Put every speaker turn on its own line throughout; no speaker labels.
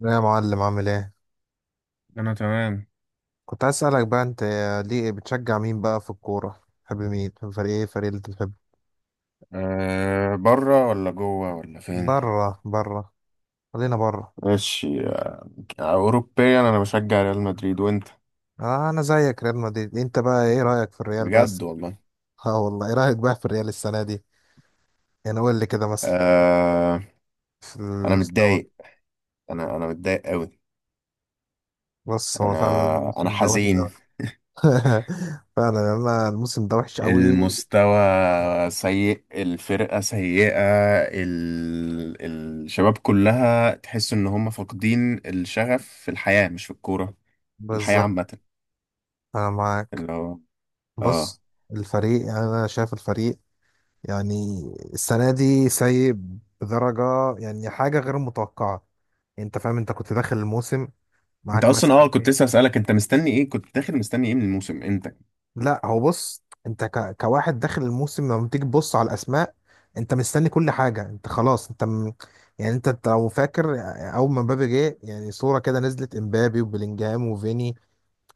يا معلم، عامل ايه؟
انا تمام.
كنت عايز اسالك بقى، انت ليه بتشجع مين بقى في الكوره؟ بتحب مين؟ بتحب فريق ايه؟ فريق اللي انت بتحبه؟
بره ولا جوه ولا فين؟
بره، بره. خلينا بره.
ماشي، آه، اوروبيا انا بشجع ريال مدريد، وانت؟
آه، انا زيك ريال مدريد. انت بقى ايه رايك في الريال بس؟
بجد والله.
اه والله، ايه رايك بقى في الريال السنه دي؟ يعني قول لي كده مثلا،
أه،
في
انا
المستوى.
متضايق. انا متضايق قوي.
بص، هو فعلا
انا
الموسم ده وحش قوي.
حزين.
فعلا، انا الموسم ده وحش قوي.
المستوى سيء، الفرقة سيئة. ال... الشباب كلها تحس ان هم فاقدين الشغف في الحياة، مش في الكورة. الحياة
بالظبط،
عامة.
انا معاك.
اللي هو اه،
بص، الفريق يعني انا شايف الفريق، يعني السنة دي سيء بدرجة، يعني حاجة غير متوقعة. انت فاهم؟ انت كنت داخل الموسم،
انت
معاك
اصلا اه
مثلا
كنت لسه
ايه؟
اسالك، انت مستني ايه؟ كنت داخل مستني ايه من الموسم امتى؟
لا، هو بص، انت كواحد داخل الموسم لما تيجي تبص على الاسماء، انت مستني كل حاجة، انت خلاص، يعني انت لو فاكر، اول ما مبابي جه يعني صورة كده نزلت امبابي وبيلينجهام وفيني،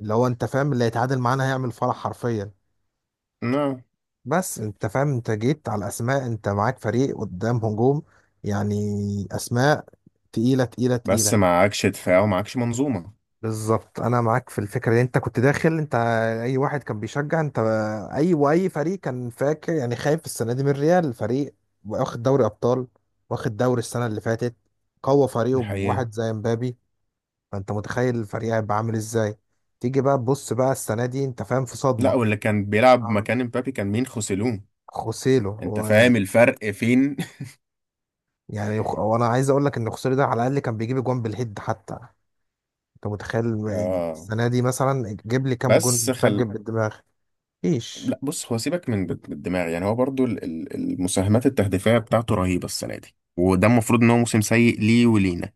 اللي هو انت فاهم اللي هيتعادل معانا هيعمل فرح حرفيا.
لا،
بس انت فاهم، انت جيت على اسماء، انت معاك فريق قدام هجوم، يعني اسماء تقيله، تقيله،
بس
تقيله.
معكش دفاع ومعكش منظومه.
بالظبط، انا معاك في الفكره دي. انت كنت داخل، انت اي واحد كان بيشجع، انت اي فريق كان فاكر، يعني خايف السنه دي من الريال، فريق واخد دوري ابطال، واخد دوري السنه اللي فاتت، قوى
دي
فريقه
حقيقه.
بواحد زي مبابي. فانت متخيل الفريق هيبقى عامل ازاي؟ تيجي بقى تبص بقى السنه دي، انت فاهم، في
لا،
صدمه.
واللي كان بيلعب
اه،
مكان امبابي كان مين؟ خوسيلون.
خوسيلو.
انت فاهم الفرق فين؟
يعني وانا عايز اقول لك ان خسوري ده على الاقل كان بيجيب جوان بالهيد حتى. انت متخيل،
اه
السنه دي مثلا جيب لي كام
بس
جون سجل
خل،
بالدماغ؟ مفيش.
لا بص، هو سيبك من الدماغ، يعني هو برضو المساهمات التهديفيه بتاعته رهيبه السنه دي، وده المفروض ان هو موسم سيء ليه ولينا.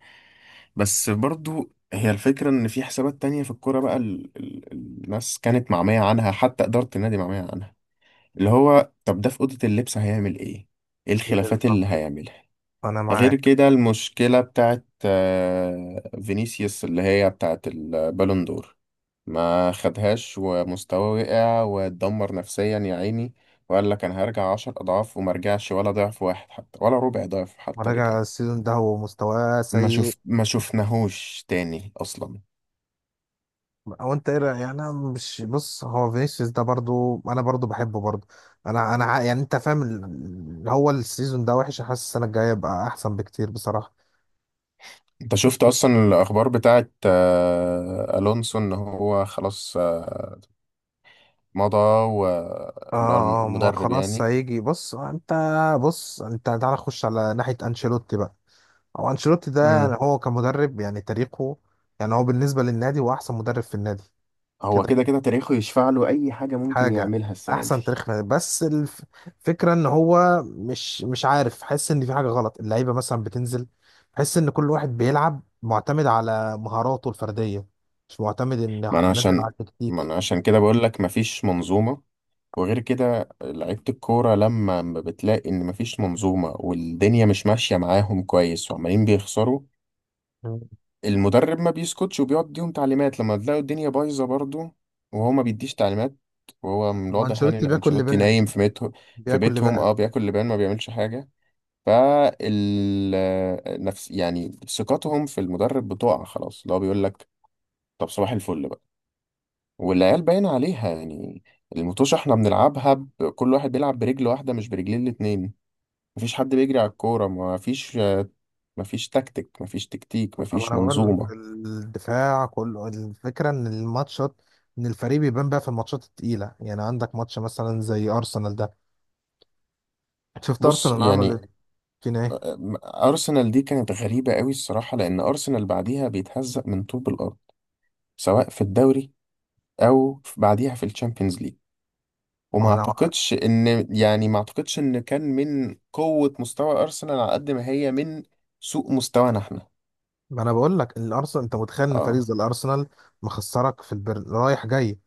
بس برضو هي الفكره ان في حسابات تانية في الكوره بقى، الناس كانت معميه عنها، حتى اداره النادي معميه عنها. اللي هو طب ده في أوضة اللبس هيعمل إيه؟ إيه الخلافات
بالظبط،
اللي هيعملها؟
انا
غير
معاك.
كده، المشكلة بتاعت آه، فينيسيوس، اللي هي بتاعت البالون دور. ما خدهاش، ومستواه وقع واتدمر نفسيا يا عيني، وقال لك أنا هرجع عشر أضعاف، وما رجعش ولا ضعف واحد حتى، ولا ربع ضعف حتى
مراجع
رجع.
السيزون ده، هو مستواه
ما
سيء.
شفت، ما شفناهوش تاني أصلا.
او انت ايه رأيك؟ يعني انا مش، بص، هو فينيسيوس ده برضو انا برضو بحبه برضو. انا يعني انت فاهم، هو السيزون ده وحش، حاسس السنه الجايه يبقى احسن بكتير بصراحه.
انت شفت اصلا الاخبار بتاعت آه، الونسو، ان هو خلاص آه، مضى،
اه.
واللي هو
ما
المدرب
خلاص
يعني.
هيجي. بص انت، بص انت تعالى خش على ناحيه انشيلوتي بقى. هو انشيلوتي ده، يعني
امم.
هو كمدرب، يعني تاريخه، يعني هو بالنسبه للنادي هو احسن مدرب في النادي.
هو
كده
كده
كده.
كده تاريخه يشفع له اي حاجه ممكن
حاجه،
يعملها السنه دي.
احسن تاريخ في النادي. بس الفكره ان هو مش عارف، حس ان في حاجه غلط، اللعيبه مثلا بتنزل، حس ان كل واحد بيلعب معتمد على مهاراته الفرديه، مش معتمد ان
ما انا
انزل
عشان
على
ما
التكتيك.
انا عشان كده بقول لك مفيش منظومه. وغير كده، لعيبه الكوره لما ما بتلاقي ان مفيش منظومه، والدنيا مش ماشيه معاهم كويس، وعمالين بيخسروا،
مم.
المدرب ما بيسكتش وبيقعد يديهم تعليمات. لما تلاقوا الدنيا بايظه برضه وهو ما بيديش تعليمات، وهو من
هو
الواضح يعني ان
انشيلوتي بياكل
انشيلوتي
لبان،
نايم في بيته. في
بياكل
بيتهم
لبان.
اه، بياكل لبان، ما بيعملش حاجه. فال، نفس، يعني ثقتهم في المدرب بتقع خلاص. اللي هو بيقول لك طب صباح الفل بقى. والعيال باين عليها يعني. المطوشة احنا بنلعبها. كل واحد بيلعب برجل واحدة، مش برجلين الاتنين. مفيش حد بيجري على الكورة. مفيش، مفيش تكتيك،
أو،
مفيش
انا بقول لك
منظومة.
الدفاع كله، الفكره ان الماتشات، ان الفريق بيبان بقى في الماتشات التقيله، يعني عندك ماتش مثلا زي ارسنال ده، شفت
بص
ارسنال
يعني،
عمل فينا ايه؟
أرسنال دي كانت غريبة قوي الصراحة، لأن أرسنال بعديها بيتهزق من طوب الأرض، سواء في الدوري أو بعديها في الشامبيونز ليج. وما
ما انا
اعتقدش ان يعني، ما اعتقدش ان كان من قوة مستوى ارسنال على قد ما هي من سوء مستوانا احنا.
ما انا بقول لك الارسنال، انت متخيل ان فريق
اه
زي الارسنال مخسرك في رايح جاي،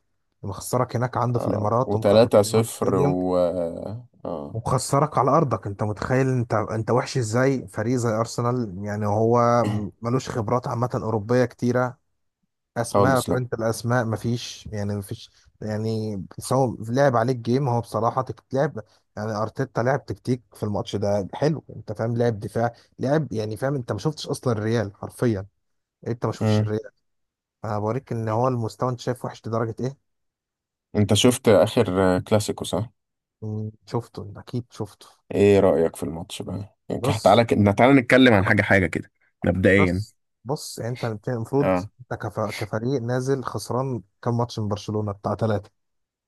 مخسرك هناك عنده في
اه،
الامارات في
وتلاتة
الامارات
صفر
ستاديوم،
و اه آه،
ومخسرك على ارضك. انت متخيل انت وحش ازاي؟ فريق زي ارسنال يعني هو ملوش خبرات عامه اوروبيه كتيره، اسماء،
خالص لا.
قارنة الاسماء مفيش، يعني مفيش. يعني سواء لعب عليك جيم، هو بصراحه تلعب، يعني ارتيتا لعب تكتيك في الماتش ده حلو، انت فاهم، لعب دفاع، لعب، يعني فاهم، انت ما شفتش اصلا الريال حرفيا، يعني انت ما شفتش
مم.
الريال. انا بوريك ان هو المستوى انت شايف وحش لدرجه ايه.
انت شفت اخر كلاسيكو صح؟
مم، شفته، انت اكيد شفته.
ايه رأيك في الماتش بقى؟ يعني
بص،
تعالى ك، تعالى نتكلم عن حاجة حاجة كده. مبدئيا،
بص، بص، يعني انت المفروض،
اه،
انت كفريق نازل خسران كام ماتش من برشلونه بتاع ثلاثه،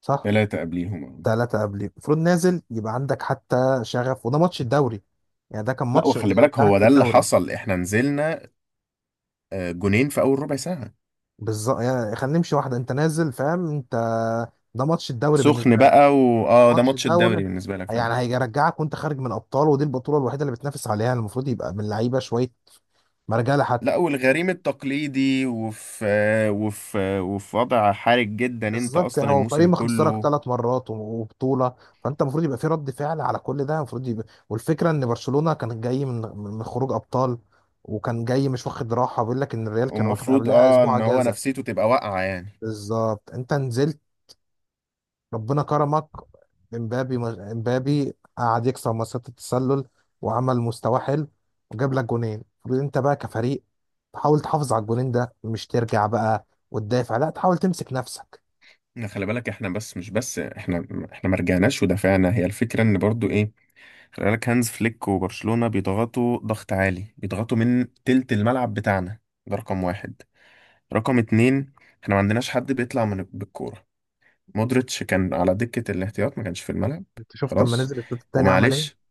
صح؟
تلاتة قبليهم آه.
ثلاثة قبليه، المفروض نازل يبقى عندك حتى شغف، وده ماتش الدوري، يعني ده كان
لا،
ماتش
وخلي بالك
يرجعك
هو
في
ده اللي
الدوري.
حصل، احنا نزلنا آه، جونين في اول ربع ساعة.
بالظبط، يعني خلينا نمشي واحدة، انت نازل فاهم، انت ده ماتش الدوري
سخن
بالنسبة لك،
بقى، واه ده
ماتش
ماتش الدوري
الدوري،
بالنسبة لك
يعني
فعلا.
هيرجعك وانت خارج من الابطال، ودي البطولة الوحيدة اللي بتنافس عليها، المفروض يبقى من اللعيبة شوية مرجع لحد.
لا، والغريم التقليدي، وفي وضع حرج جدا انت
بالظبط، يعني
اصلا
هو فريق
الموسم
مخسرك
كله.
ثلاث مرات وبطوله، فانت المفروض يبقى في رد فعل على كل ده، المفروض يبقى، والفكره ان برشلونه كان جاي من خروج ابطال، وكان جاي مش واخد راحه، بيقول لك ان الريال كان واخد
ومفروض
قبلها
اه
اسبوع
ان هو
اجازه.
نفسيته تبقى واقعة يعني.
بالظبط، انت نزلت ربنا كرمك امبابي امبابي قعد يكسر مسات التسلل، وعمل مستوى حلو، وجاب لك جونين. المفروض انت بقى كفريق تحاول تحافظ على الجونين ده، مش ترجع بقى وتدافع، لا تحاول تمسك نفسك.
إن خلي بالك احنا، بس مش بس احنا احنا ما رجعناش ودافعنا. هي الفكرة ان برضو ايه، خلي بالك هانز فليك وبرشلونة بيضغطوا ضغط عالي، بيضغطوا من تلت الملعب بتاعنا. ده رقم واحد. رقم اتنين، احنا ما عندناش حد بيطلع من بالكورة. مودريتش كان على دكة الاحتياط، ما كانش في الملعب.
انت شفت لما
خلاص،
نزل الشوط التاني عمل
ومعلش،
ايه؟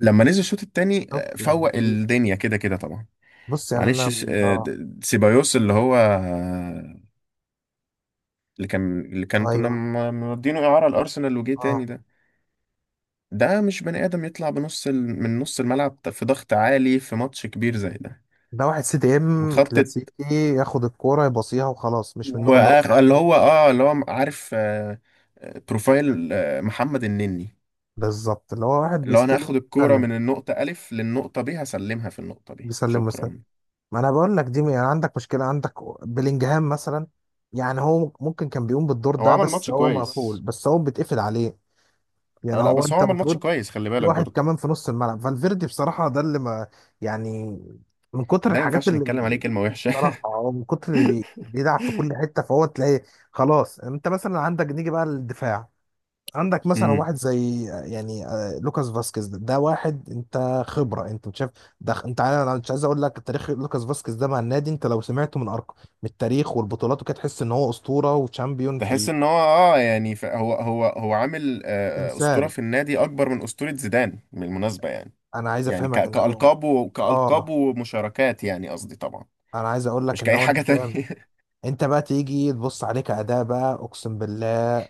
لما نزل الشوط التاني آه،
شفت
فوق
الفريق؟
الدنيا كده كده طبعا.
بص يعني
معلش
انا،
آه،
اه،
سيبايوس اللي هو آه، اللي كان كنا
ايوه،
مودينه اعاره الارسنال وجه تاني
اه،
ده. ده مش بني ادم يطلع من نص الملعب في ضغط عالي في ماتش كبير زي ده.
ده واحد سي دي ام
وخط الت-
كلاسيكي، ياخد الكوره يباصيها وخلاص، مش من النوع اللي هو
وآخ، اللي
بيعدي.
هو اه، اللي هو عارف آه، آه، بروفايل آه، محمد النني.
بالظبط، اللي هو واحد
اللي هو انا
بيستلم
هاخد الكوره
بيسلم،
من النقطه الف للنقطه ب، هسلمها في النقطه ب
بيسلم ويسلم.
شكرا.
ما انا بقول لك دي، يعني عندك مشكله. عندك بلينجهام مثلا، يعني هو ممكن كان بيقوم بالدور
هو
ده،
عمل
بس
ماتش
هو مقفول،
كويس.
بس هو بيتقفل عليه.
آه
يعني
لا،
هو
بس
انت
هو عمل ماتش
المفروض،
كويس، خلي
في
بالك
واحد
برضه.
كمان في نص الملعب، فالفيردي بصراحة ده اللي ما، يعني من كتر
ده ما
الحاجات
ينفعش
اللي،
نتكلم عليه كلمة وحشة.
بصراحة أو من كتر اللي بيلعب في كل حتة فهو تلاقي. خلاص، انت مثلا عندك، نيجي بقى للدفاع، عندك مثلا
امم،
واحد زي، يعني لوكاس فاسكيز ده, ده واحد انت خبرة، انت مش شايف؟ ده انت عارف، انا مش عايز اقول لك تاريخ لوكاس فاسكيز ده مع النادي، انت لو سمعته من ارقام، من التاريخ والبطولات وكده، تحس ان هو اسطورة وشامبيون
تحس
في
ان هو اه يعني هو عامل آه، آه، اسطوره
التمثال.
في النادي اكبر من اسطوره زيدان بالمناسبه يعني.
انا عايز
يعني
افهمك ان هو،
كالقاب كالقاب
اه
ومشاركات، يعني قصدي طبعا،
انا عايز اقول لك
مش
ان
كاي
هو، انت
حاجه
فاهم،
تانية.
انت بقى تيجي تبص عليك اداء بقى، اقسم بالله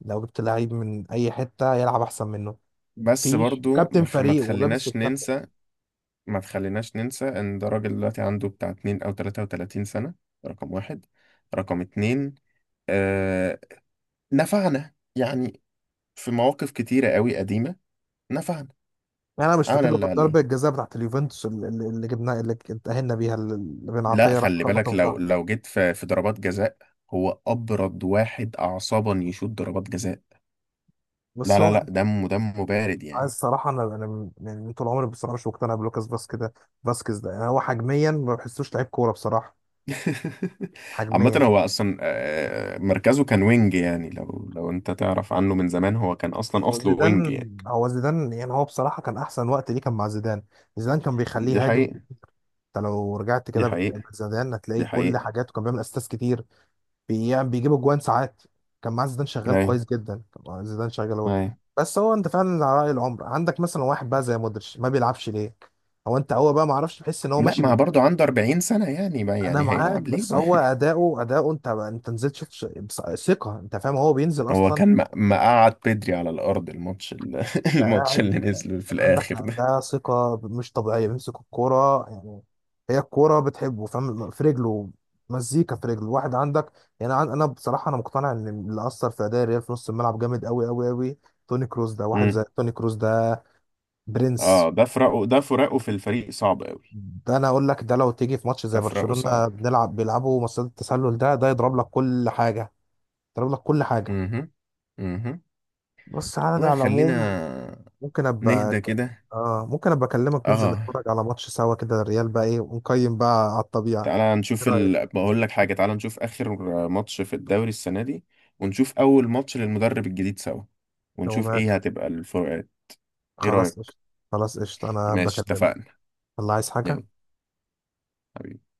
لو جبت لعيب من اي حته يلعب احسن منه
بس
مفيش،
برضو
وكابتن
ما خ، ما
فريق ولابس
تخليناش
الكابتن.
ننسى، ان ده راجل دلوقتي عنده بتاع 2 او 33 سنه. رقم واحد. رقم اتنين، آه، نفعنا يعني في مواقف كتيره قوي قديمه. نفعنا،
يعني انا مش
عمل
فاكر له
اللي
غير
عليه.
ضربه الجزاء بتاعت اليوفنتوس اللي جبناها، اللي اتاهلنا بيها، اللي بن
لا
عطيه راح
خلي
خبطه
بالك،
في
لو
ظهره.
لو جيت في ضربات جزاء، هو ابرد واحد اعصابا يشوط ضربات جزاء.
بس
لا لا
هو
لا دمه بارد
عايز
يعني.
الصراحه، انا يعني طول عمري بصراحه مش مقتنع بلوكاس فاسكيز ده. فاسكيز ده، يعني هو حجميا ما بحسوش لعيب كوره بصراحه،
عامة
حجميا.
هو أصلا آه، مركزه كان وينج يعني. لو أنت تعرف عنه من زمان، هو كان أصلا
هو
أصله وينج
زيدان
يعني.
هو زيدان يعني هو بصراحه كان احسن وقت ليه كان مع زيدان. زيدان كان بيخليه
دي
يهاجم،
حقيقة.
انت لو رجعت
دي
كده
حقيقة.
زيدان هتلاقي
دي
كل
حقيقة.
حاجاته، كان بيعمل اسيستات كتير، بيعمل بيجيب اجوان ساعات، كان معاه زيدان شغال
أي،
كويس جدا، كان معاه زيدان شغال هو.
أي.
بس هو، انت فعلا على راي العمر، عندك مثلا واحد بقى زي مودريتش ما بيلعبش ليه؟ هو انت هو بقى ما اعرفش، بحس ان هو
لا،
ماشي
ما برضه عنده 40 سنة يعني، ما
انا
يعني
معاك،
هيلعب ليه
بس
بقى؟
هو اداؤه انت نزلت شفت ثقه، انت فاهم، هو بينزل
هو
اصلا،
كان مقعد بدري على الأرض
انت
الماتش
قاعد
اللي نزل في
عندك، لا،
الآخر
ده ثقة مش طبيعية، بيمسك الكورة يعني، هي الكورة بتحبه، فاهم، في رجله، مزيكا في رجله، واحد عندك. يعني أنا بصراحة، أنا مقتنع إن اللي أثر في أداء الريال في نص الملعب جامد أوي أوي أوي، توني كروس ده. واحد
ده.
زي توني كروس ده
اه
برنس،
ده فراقه، ده فراقه في الفريق صعب قوي.
ده أنا أقول لك، ده لو تيجي في ماتش
ده
زي
فراقه صعب.
برشلونة بنلعب، بيلعبوا مصيدة التسلل، ده يضرب لك كل حاجة، يضرب لك كل حاجة.
اها، اها.
بس على ده،
والله
على العموم،
خلينا
ممكن ابقى،
نهدى كده.
اه ممكن ابقى اكلمك ننزل
اه،
نتفرج على ماتش سوا كده الريال بقى ايه، ونقيم بقى على الطبيعة.
تعالى نشوف
ايه رأيك؟
بقول لك حاجة، تعالى نشوف آخر ماتش في الدوري السنة دي، ونشوف أول ماتش للمدرب الجديد سوا،
لو
ونشوف
ماله،
إيه هتبقى الفروقات. إيه
خلاص
رأيك؟
قشطة، خلاص قشطة انا
ماشي،
بكلمك.
اتفقنا.
الله، عايز حاجة؟
يلا حبيبي.